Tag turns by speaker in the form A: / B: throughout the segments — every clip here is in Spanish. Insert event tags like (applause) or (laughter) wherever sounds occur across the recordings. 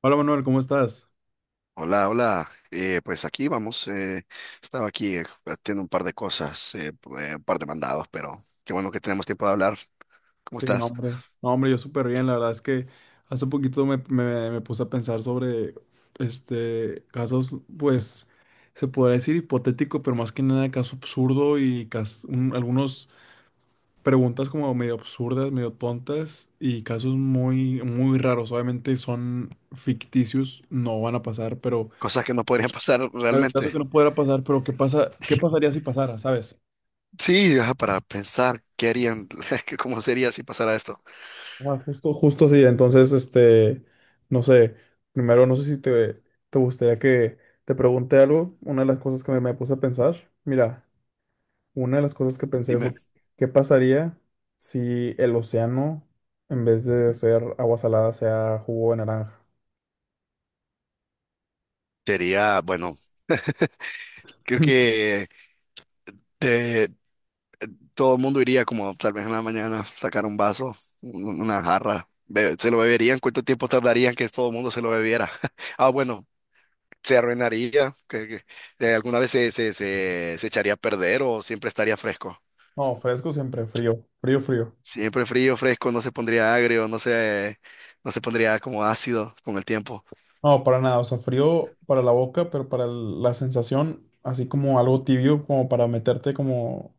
A: Hola Manuel, ¿cómo estás?
B: Hola, hola. Pues aquí vamos. Estaba aquí haciendo un par de cosas, un par de mandados, pero qué bueno que tenemos tiempo de hablar. ¿Cómo
A: Sí, no,
B: estás?
A: hombre. No, hombre, yo súper bien. La verdad es que hace poquito me puse a pensar sobre este casos, pues, se podría decir hipotético, pero más que nada caso absurdo y algunos preguntas como medio absurdas, medio tontas y casos muy, muy raros. Obviamente son ficticios, no van a pasar, pero
B: Cosas que no podrían (laughs) pasar
A: claro, caso
B: realmente.
A: que no pudiera pasar, pero ¿qué pasa? ¿Qué pasaría si pasara, sabes?
B: Sí, ajá, para pensar qué harían, (laughs) que cómo sería si pasara esto.
A: Ah, justo, justo sí. Entonces, no sé, primero no sé si te gustaría que te pregunte algo. Una de las cosas que me puse a pensar, mira, una de las cosas que pensé
B: Dime.
A: fue, ¿qué pasaría si el océano, en vez de ser agua salada, sea jugo de naranja?
B: Sería, bueno, creo
A: (laughs)
B: que te- todo el mundo iría como tal vez en la mañana, sacar un vaso, una jarra, se lo beberían, cuánto tiempo tardarían que todo el mundo se lo bebiera. (laughs) Ah, bueno, se arruinaría, alguna vez se echaría a perder o siempre estaría fresco.
A: No, fresco siempre, frío, frío, frío.
B: Siempre frío, fresco, no se pondría agrio, no se pondría como ácido con el tiempo.
A: No, para nada, o sea, frío para la boca, pero para la sensación, así como algo tibio, como para meterte como.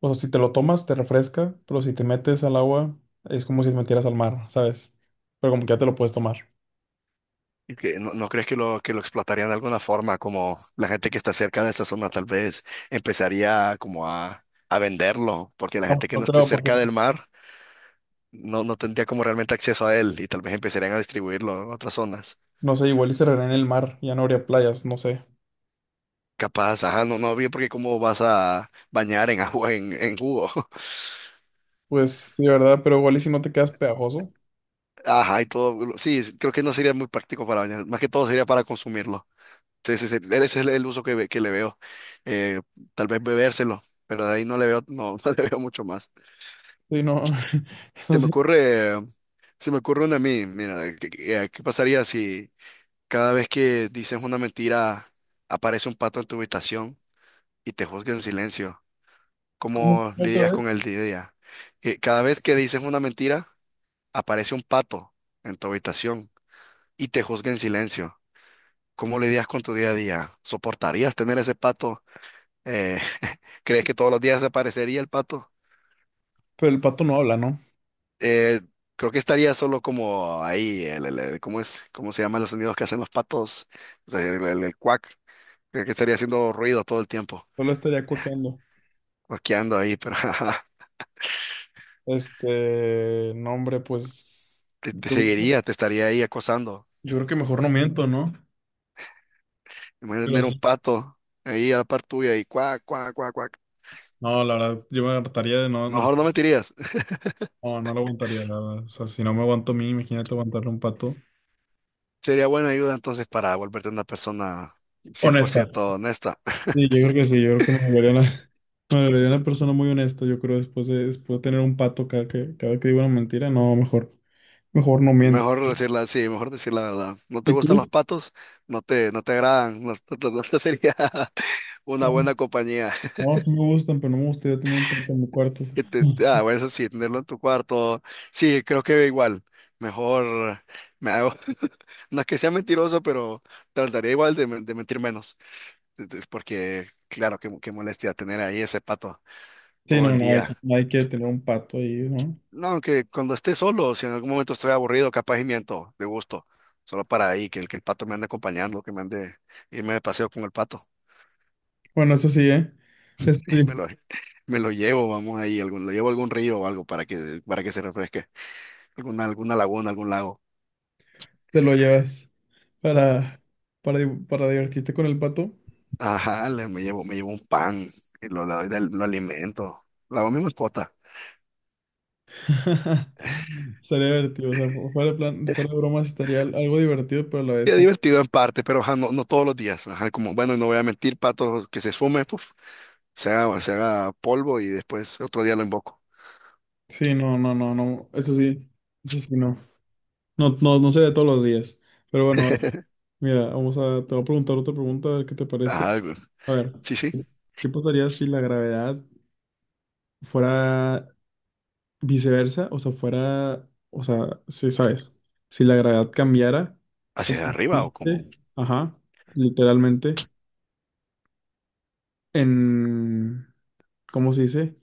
A: O sea, si te lo tomas, te refresca, pero si te metes al agua, es como si te metieras al mar, ¿sabes? Pero como que ya te lo puedes tomar.
B: Y que ¿no, no crees que que lo explotarían de alguna forma? Como la gente que está cerca de esa zona tal vez empezaría como a venderlo, porque la
A: No,
B: gente que
A: no
B: no esté
A: creo, porque
B: cerca del mar no, no tendría como realmente acceso a él y tal vez empezarían a distribuirlo en otras zonas.
A: no sé, igual y se en el mar, ya no habría playas, no sé.
B: Capaz, ajá, no, no, bien, porque cómo vas a bañar en agua, (laughs) en jugo. (laughs)
A: Pues sí, ¿verdad? Pero igual y si no te quedas pegajoso.
B: Ajá, y todo, sí, creo que no sería muy práctico para bañar, más que todo sería para consumirlo. Sí, sí, sí, ese es el uso que, que le veo. Eh, Tal vez bebérselo, pero de ahí no le veo, no, (laughs) no le veo mucho más.
A: Sí, no, (laughs) no
B: Se me
A: sé,
B: ocurre, eh, se me ocurre una a mí, mira, ¿ qué pasaría si cada vez que dices una mentira aparece un pato en tu habitación y te juzga en silencio?
A: ¿cómo
B: ¿Cómo
A: otra
B: lidias
A: vez?
B: con el día a día? Que cada vez que dices una mentira, aparece un pato en tu habitación y te juzga en silencio. ¿Cómo lidias con tu día a día? ¿Soportarías tener ese pato? Eh, (laughs) ¿crees que todos los días aparecería el pato?
A: Pero el pato no habla, ¿no?
B: Eh, Creo que estaría solo como ahí, ¿cómo es? ¿Cómo se llaman los sonidos que hacen los patos? O sea, el cuac. Creo que estaría haciendo ruido todo el tiempo,
A: Solo estaría cuaqueando.
B: cuaqueando ahí, pero (laughs)
A: No, hombre, pues
B: te
A: yo,
B: seguiría, te estaría ahí acosando.
A: yo creo que mejor no miento, ¿no?
B: Imagínate
A: Pero
B: tener un
A: sí.
B: pato ahí a la par tuya y cuac, cuac, cuac, cuac.
A: No, la verdad, yo me hartaría de no.
B: Mejor no mentirías. (laughs)
A: No, no lo aguantaría, la verdad. O sea, si no me aguanto a mí, imagínate aguantarle a un pato.
B: Sería buena ayuda entonces para volverte una persona cien por
A: Honesta.
B: ciento honesta. (laughs)
A: Sí, yo creo que sí, yo creo que me volvería una, (laughs) me volvería una persona muy honesta, yo creo, después de tener un pato cada que digo una mentira, no, mejor, mejor no miento.
B: Mejor decirla sí mejor decir la verdad. ¿No te
A: ¿Y
B: gustan los
A: tú?
B: patos? No te agradan. (laughs) No, no te sería (laughs) una
A: No,
B: buena compañía. (laughs)
A: no, sí me gustan, pero no me gustaría tener un pato en mi cuarto.
B: Ah,
A: (laughs)
B: bueno, eso sí, tenerlo en tu cuarto. Sí, creo que igual. Mejor me hago. (laughs) No es que sea mentiroso, pero trataría igual de mentir menos. Es porque, claro, qué molestia tener ahí ese pato
A: Sí,
B: todo
A: no,
B: el
A: no hay,
B: día.
A: nadie quiere tener un pato ahí, ¿no?
B: No, que cuando esté solo, si en algún momento estoy aburrido, capaz y miento, de gusto. Solo para ahí, que el pato me ande acompañando, que me ande, irme de paseo con el pato.
A: Bueno, eso sí, ¿eh?
B: (laughs)
A: Esto
B: Y
A: sí,
B: me lo llevo, vamos ahí, algún, lo llevo a algún río o algo para que se refresque. Alguna, alguna laguna, algún lago.
A: te lo llevas para, para divertirte con el pato.
B: Ajá, me llevo un pan, y lo alimento. La hago mi mascota.
A: (laughs) Estaría divertido, o sea, fuera de plan, fuera de bromas, estaría algo divertido, pero a la
B: Y
A: vez
B: es
A: como...
B: divertido en parte, pero ajá, no, no todos los días. Ajá, como, bueno, no voy a mentir, pato que se esfume, puf, se haga polvo y después otro día lo invoco.
A: Sí, no, no, no, no, eso sí, no. No, no, no sería todos los días. Pero bueno,
B: (laughs)
A: mira, vamos a, te voy a preguntar otra pregunta, a ver qué te parece.
B: Ajá, güey.
A: A ver,
B: Sí, sí.
A: ¿qué pasaría si la gravedad fuera viceversa? O sea, fuera, o sea, sí, sabes, si la gravedad cambiara
B: ¿Hacia arriba o como
A: completamente, ajá, literalmente, en, ¿cómo se dice?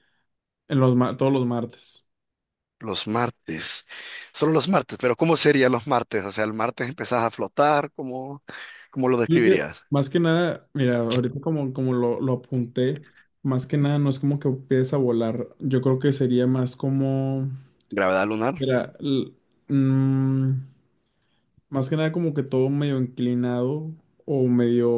A: En los, todos los martes.
B: los martes? Solo los martes, pero ¿cómo serían los martes? O sea, el martes empezás a flotar, ¿cómo, cómo lo
A: Yo creo,
B: describirías?
A: más que nada, mira, ahorita como, lo apunté, más que nada no es como que empieces a volar. Yo creo que sería más como,
B: ¿Gravedad lunar?
A: mira, mm, más que nada como que todo medio inclinado o medio...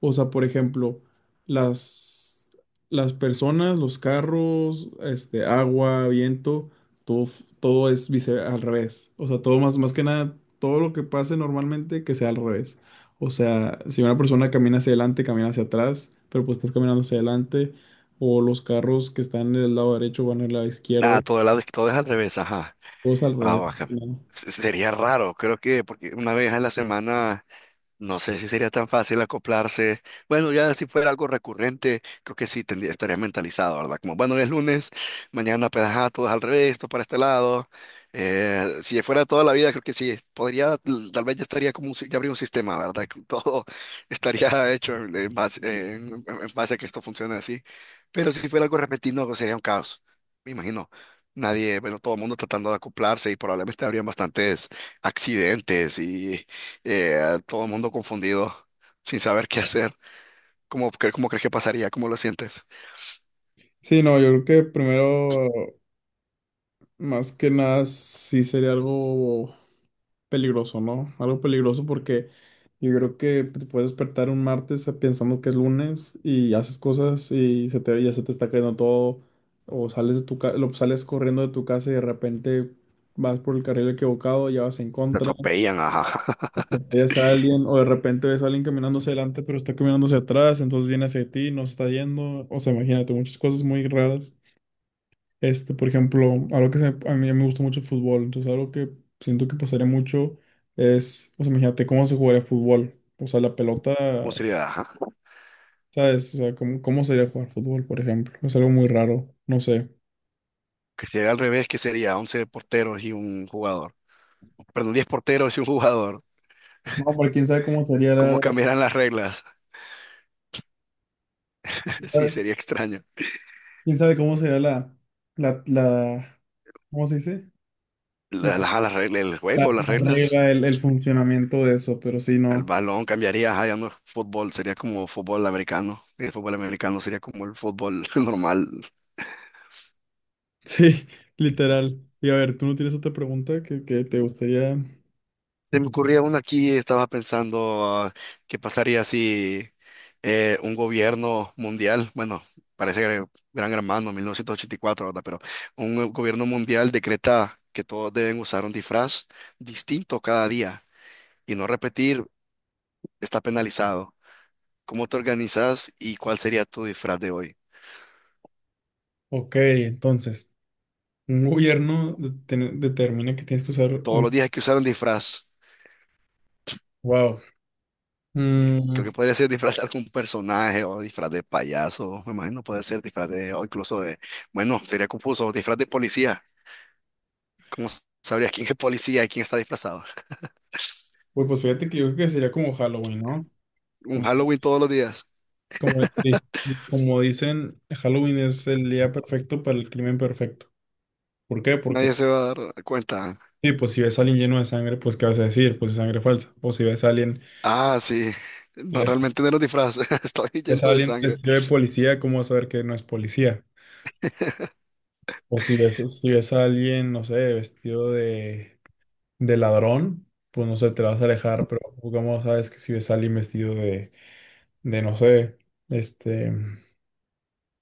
A: O sea, por ejemplo, las, las personas, los carros, este, agua, viento, todo, todo es al revés. O sea, todo más, más que nada, todo lo que pase normalmente que sea al revés. O sea, si una persona camina hacia adelante, camina hacia atrás, pero pues estás caminando hacia adelante. O los carros que están del lado derecho van al lado
B: Ah,
A: izquierdo,
B: todo, lado, todo es al revés, ajá.
A: todo es al
B: Ah,
A: revés.
B: baja. Sería raro, creo que, porque una vez a la semana. No sé si sería tan fácil acoplarse. Bueno, ya si fuera algo recurrente, creo que sí tendría, estaría mentalizado, ¿verdad? Como, bueno, es lunes, mañana pues ajá, todo es al revés, todo para este lado. Si fuera toda la vida, creo que sí, podría, tal vez ya estaría como, un si- ya habría un sistema, ¿verdad? Que todo (laughs) estaría hecho en base a que esto funcione así. Pero si fuera algo repentino, pues, sería un caos, me imagino. Nadie, bueno, todo el mundo tratando de acoplarse y probablemente habrían bastantes accidentes y todo el mundo confundido, (laughs) sin saber qué hacer. ¿ cómo crees que pasaría? ¿Cómo lo sientes?
A: Sí, no, yo creo que primero, más que nada, sí sería algo peligroso, ¿no? Algo peligroso porque yo creo que te puedes despertar un martes pensando que es lunes y haces cosas y ya se te está cayendo todo, o sales de tu sales corriendo de tu casa y de repente vas por el carril equivocado, ya vas en
B: Te
A: contra,
B: atropellan, ajá. (laughs)
A: atropellas a alguien, o de repente ves a alguien caminando hacia adelante pero está caminando hacia atrás, entonces viene hacia ti, no se está yendo, o sea, imagínate, muchas cosas muy raras. Este, por ejemplo, algo que a mí me gusta mucho el fútbol, entonces algo que siento que pasaría mucho es, o sea, imagínate cómo se jugaría fútbol, o sea, la pelota,
B: ¿Cómo sería? Ajá.
A: ¿sabes? O sea, cómo, cómo sería jugar fútbol, por ejemplo, es algo muy raro, no sé.
B: Que sería al revés, que sería 11 porteros y un jugador. Perdón, 10 porteros y un jugador.
A: No, pero quién sabe cómo sería
B: ¿Cómo
A: la,
B: cambiarán las reglas? (laughs) Sí, sería extraño.
A: quién sabe cómo sería la, ¿cómo se dice? La,
B: Las, reglas el juego, las
A: la
B: reglas.
A: regla, el funcionamiento de eso, pero sí,
B: El
A: no.
B: balón cambiaría, ajá, ya no es fútbol, sería como fútbol americano. El fútbol americano sería como el fútbol (laughs) normal.
A: Sí, (laughs) literal. Y a ver, ¿tú no tienes otra pregunta que te gustaría?
B: Se me ocurría una aquí, estaba pensando ah, qué pasaría si un gobierno mundial, bueno, parece que Gran Hermano, 1984, ¿verdad? Pero un gobierno mundial decreta que todos deben usar un disfraz distinto cada día y no repetir está penalizado. ¿Cómo te organizas y cuál sería tu disfraz de hoy?
A: Ok, entonces. Un gobierno determina que tienes que usar
B: Todos los
A: un...
B: días hay que usar un disfraz.
A: Wow.
B: Creo que
A: Mm,
B: podría ser disfraz de algún personaje o disfraz de payaso, me imagino puede ser disfraz de, o incluso de, bueno, sería confuso, disfraz de policía. ¿Cómo sabrías quién es policía y quién está disfrazado?
A: pues, pues fíjate que yo creo que sería como Halloween, ¿no?
B: Un
A: Como,
B: Halloween todos los días.
A: como, di- como dicen, Halloween es el día perfecto para el crimen perfecto. ¿Por qué? Porque,
B: Nadie se va a dar cuenta.
A: sí, pues si ves a alguien lleno de sangre, pues ¿qué vas a decir? Pues es sangre falsa. O si ves a alguien,
B: Ah, sí.
A: si
B: No, realmente no los disfraces. (laughs) Estoy
A: ves a
B: lleno de
A: alguien
B: sangre.
A: vestido de policía, ¿cómo vas a saber que no es policía? O si ves, si ves a alguien, no sé, vestido de ladrón, pues no sé, te vas a alejar, pero como sabes que si ves a alguien vestido de no sé, este,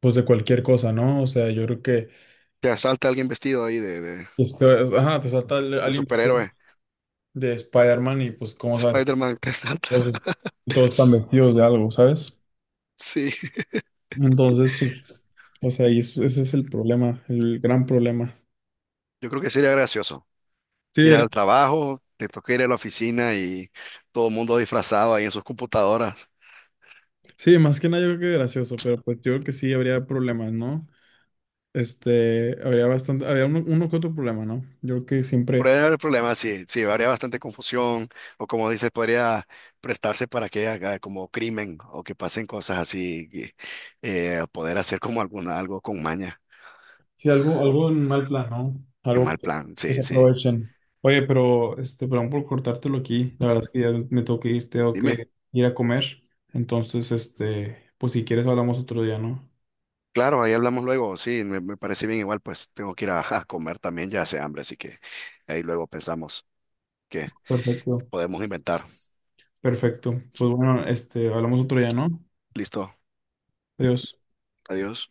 A: pues de cualquier cosa, ¿no? O sea, yo creo que,
B: Te asalta alguien vestido ahí
A: ajá, te salta
B: de
A: alguien vestido
B: superhéroe.
A: de Spider-Man y pues como sabes,
B: Spider-Man te asalta.
A: todos,
B: (laughs)
A: todos están vestidos de algo, ¿sabes?
B: Sí.
A: Entonces, pues, o sea, y ese es el problema, el gran problema.
B: Yo creo que sería gracioso.
A: Sí,
B: Ir al trabajo, te toca ir a la oficina y todo el mundo disfrazado ahí en sus computadoras.
A: sí, más que nada yo creo que gracioso, pero pues yo creo que sí habría problemas, ¿no? Este, habría bastante, habría uno, uno que otro problema, ¿no? Yo creo que siempre,
B: Podría haber problemas, sí, sí, habría bastante confusión, o como dices, podría prestarse para que haga como crimen o que pasen cosas así, que, poder hacer como alguna, algo con maña,
A: sí, algo, algo en mal plan, ¿no?
B: en
A: Algo
B: mal plan,
A: que se
B: sí, sí.
A: aprovechen. Oye, pero, este, perdón por cortártelo aquí. La verdad es que ya me tengo
B: Dime,
A: que ir a comer. Entonces, este, pues si quieres hablamos otro día, ¿no?
B: claro, ahí hablamos luego, sí, me parece bien igual, pues tengo que ir a comer también, ya hace hambre, así que ahí luego pensamos que
A: Perfecto.
B: podemos inventar.
A: Perfecto. Pues bueno, este, hablamos otro día, ¿no?
B: Listo,
A: Adiós.
B: adiós.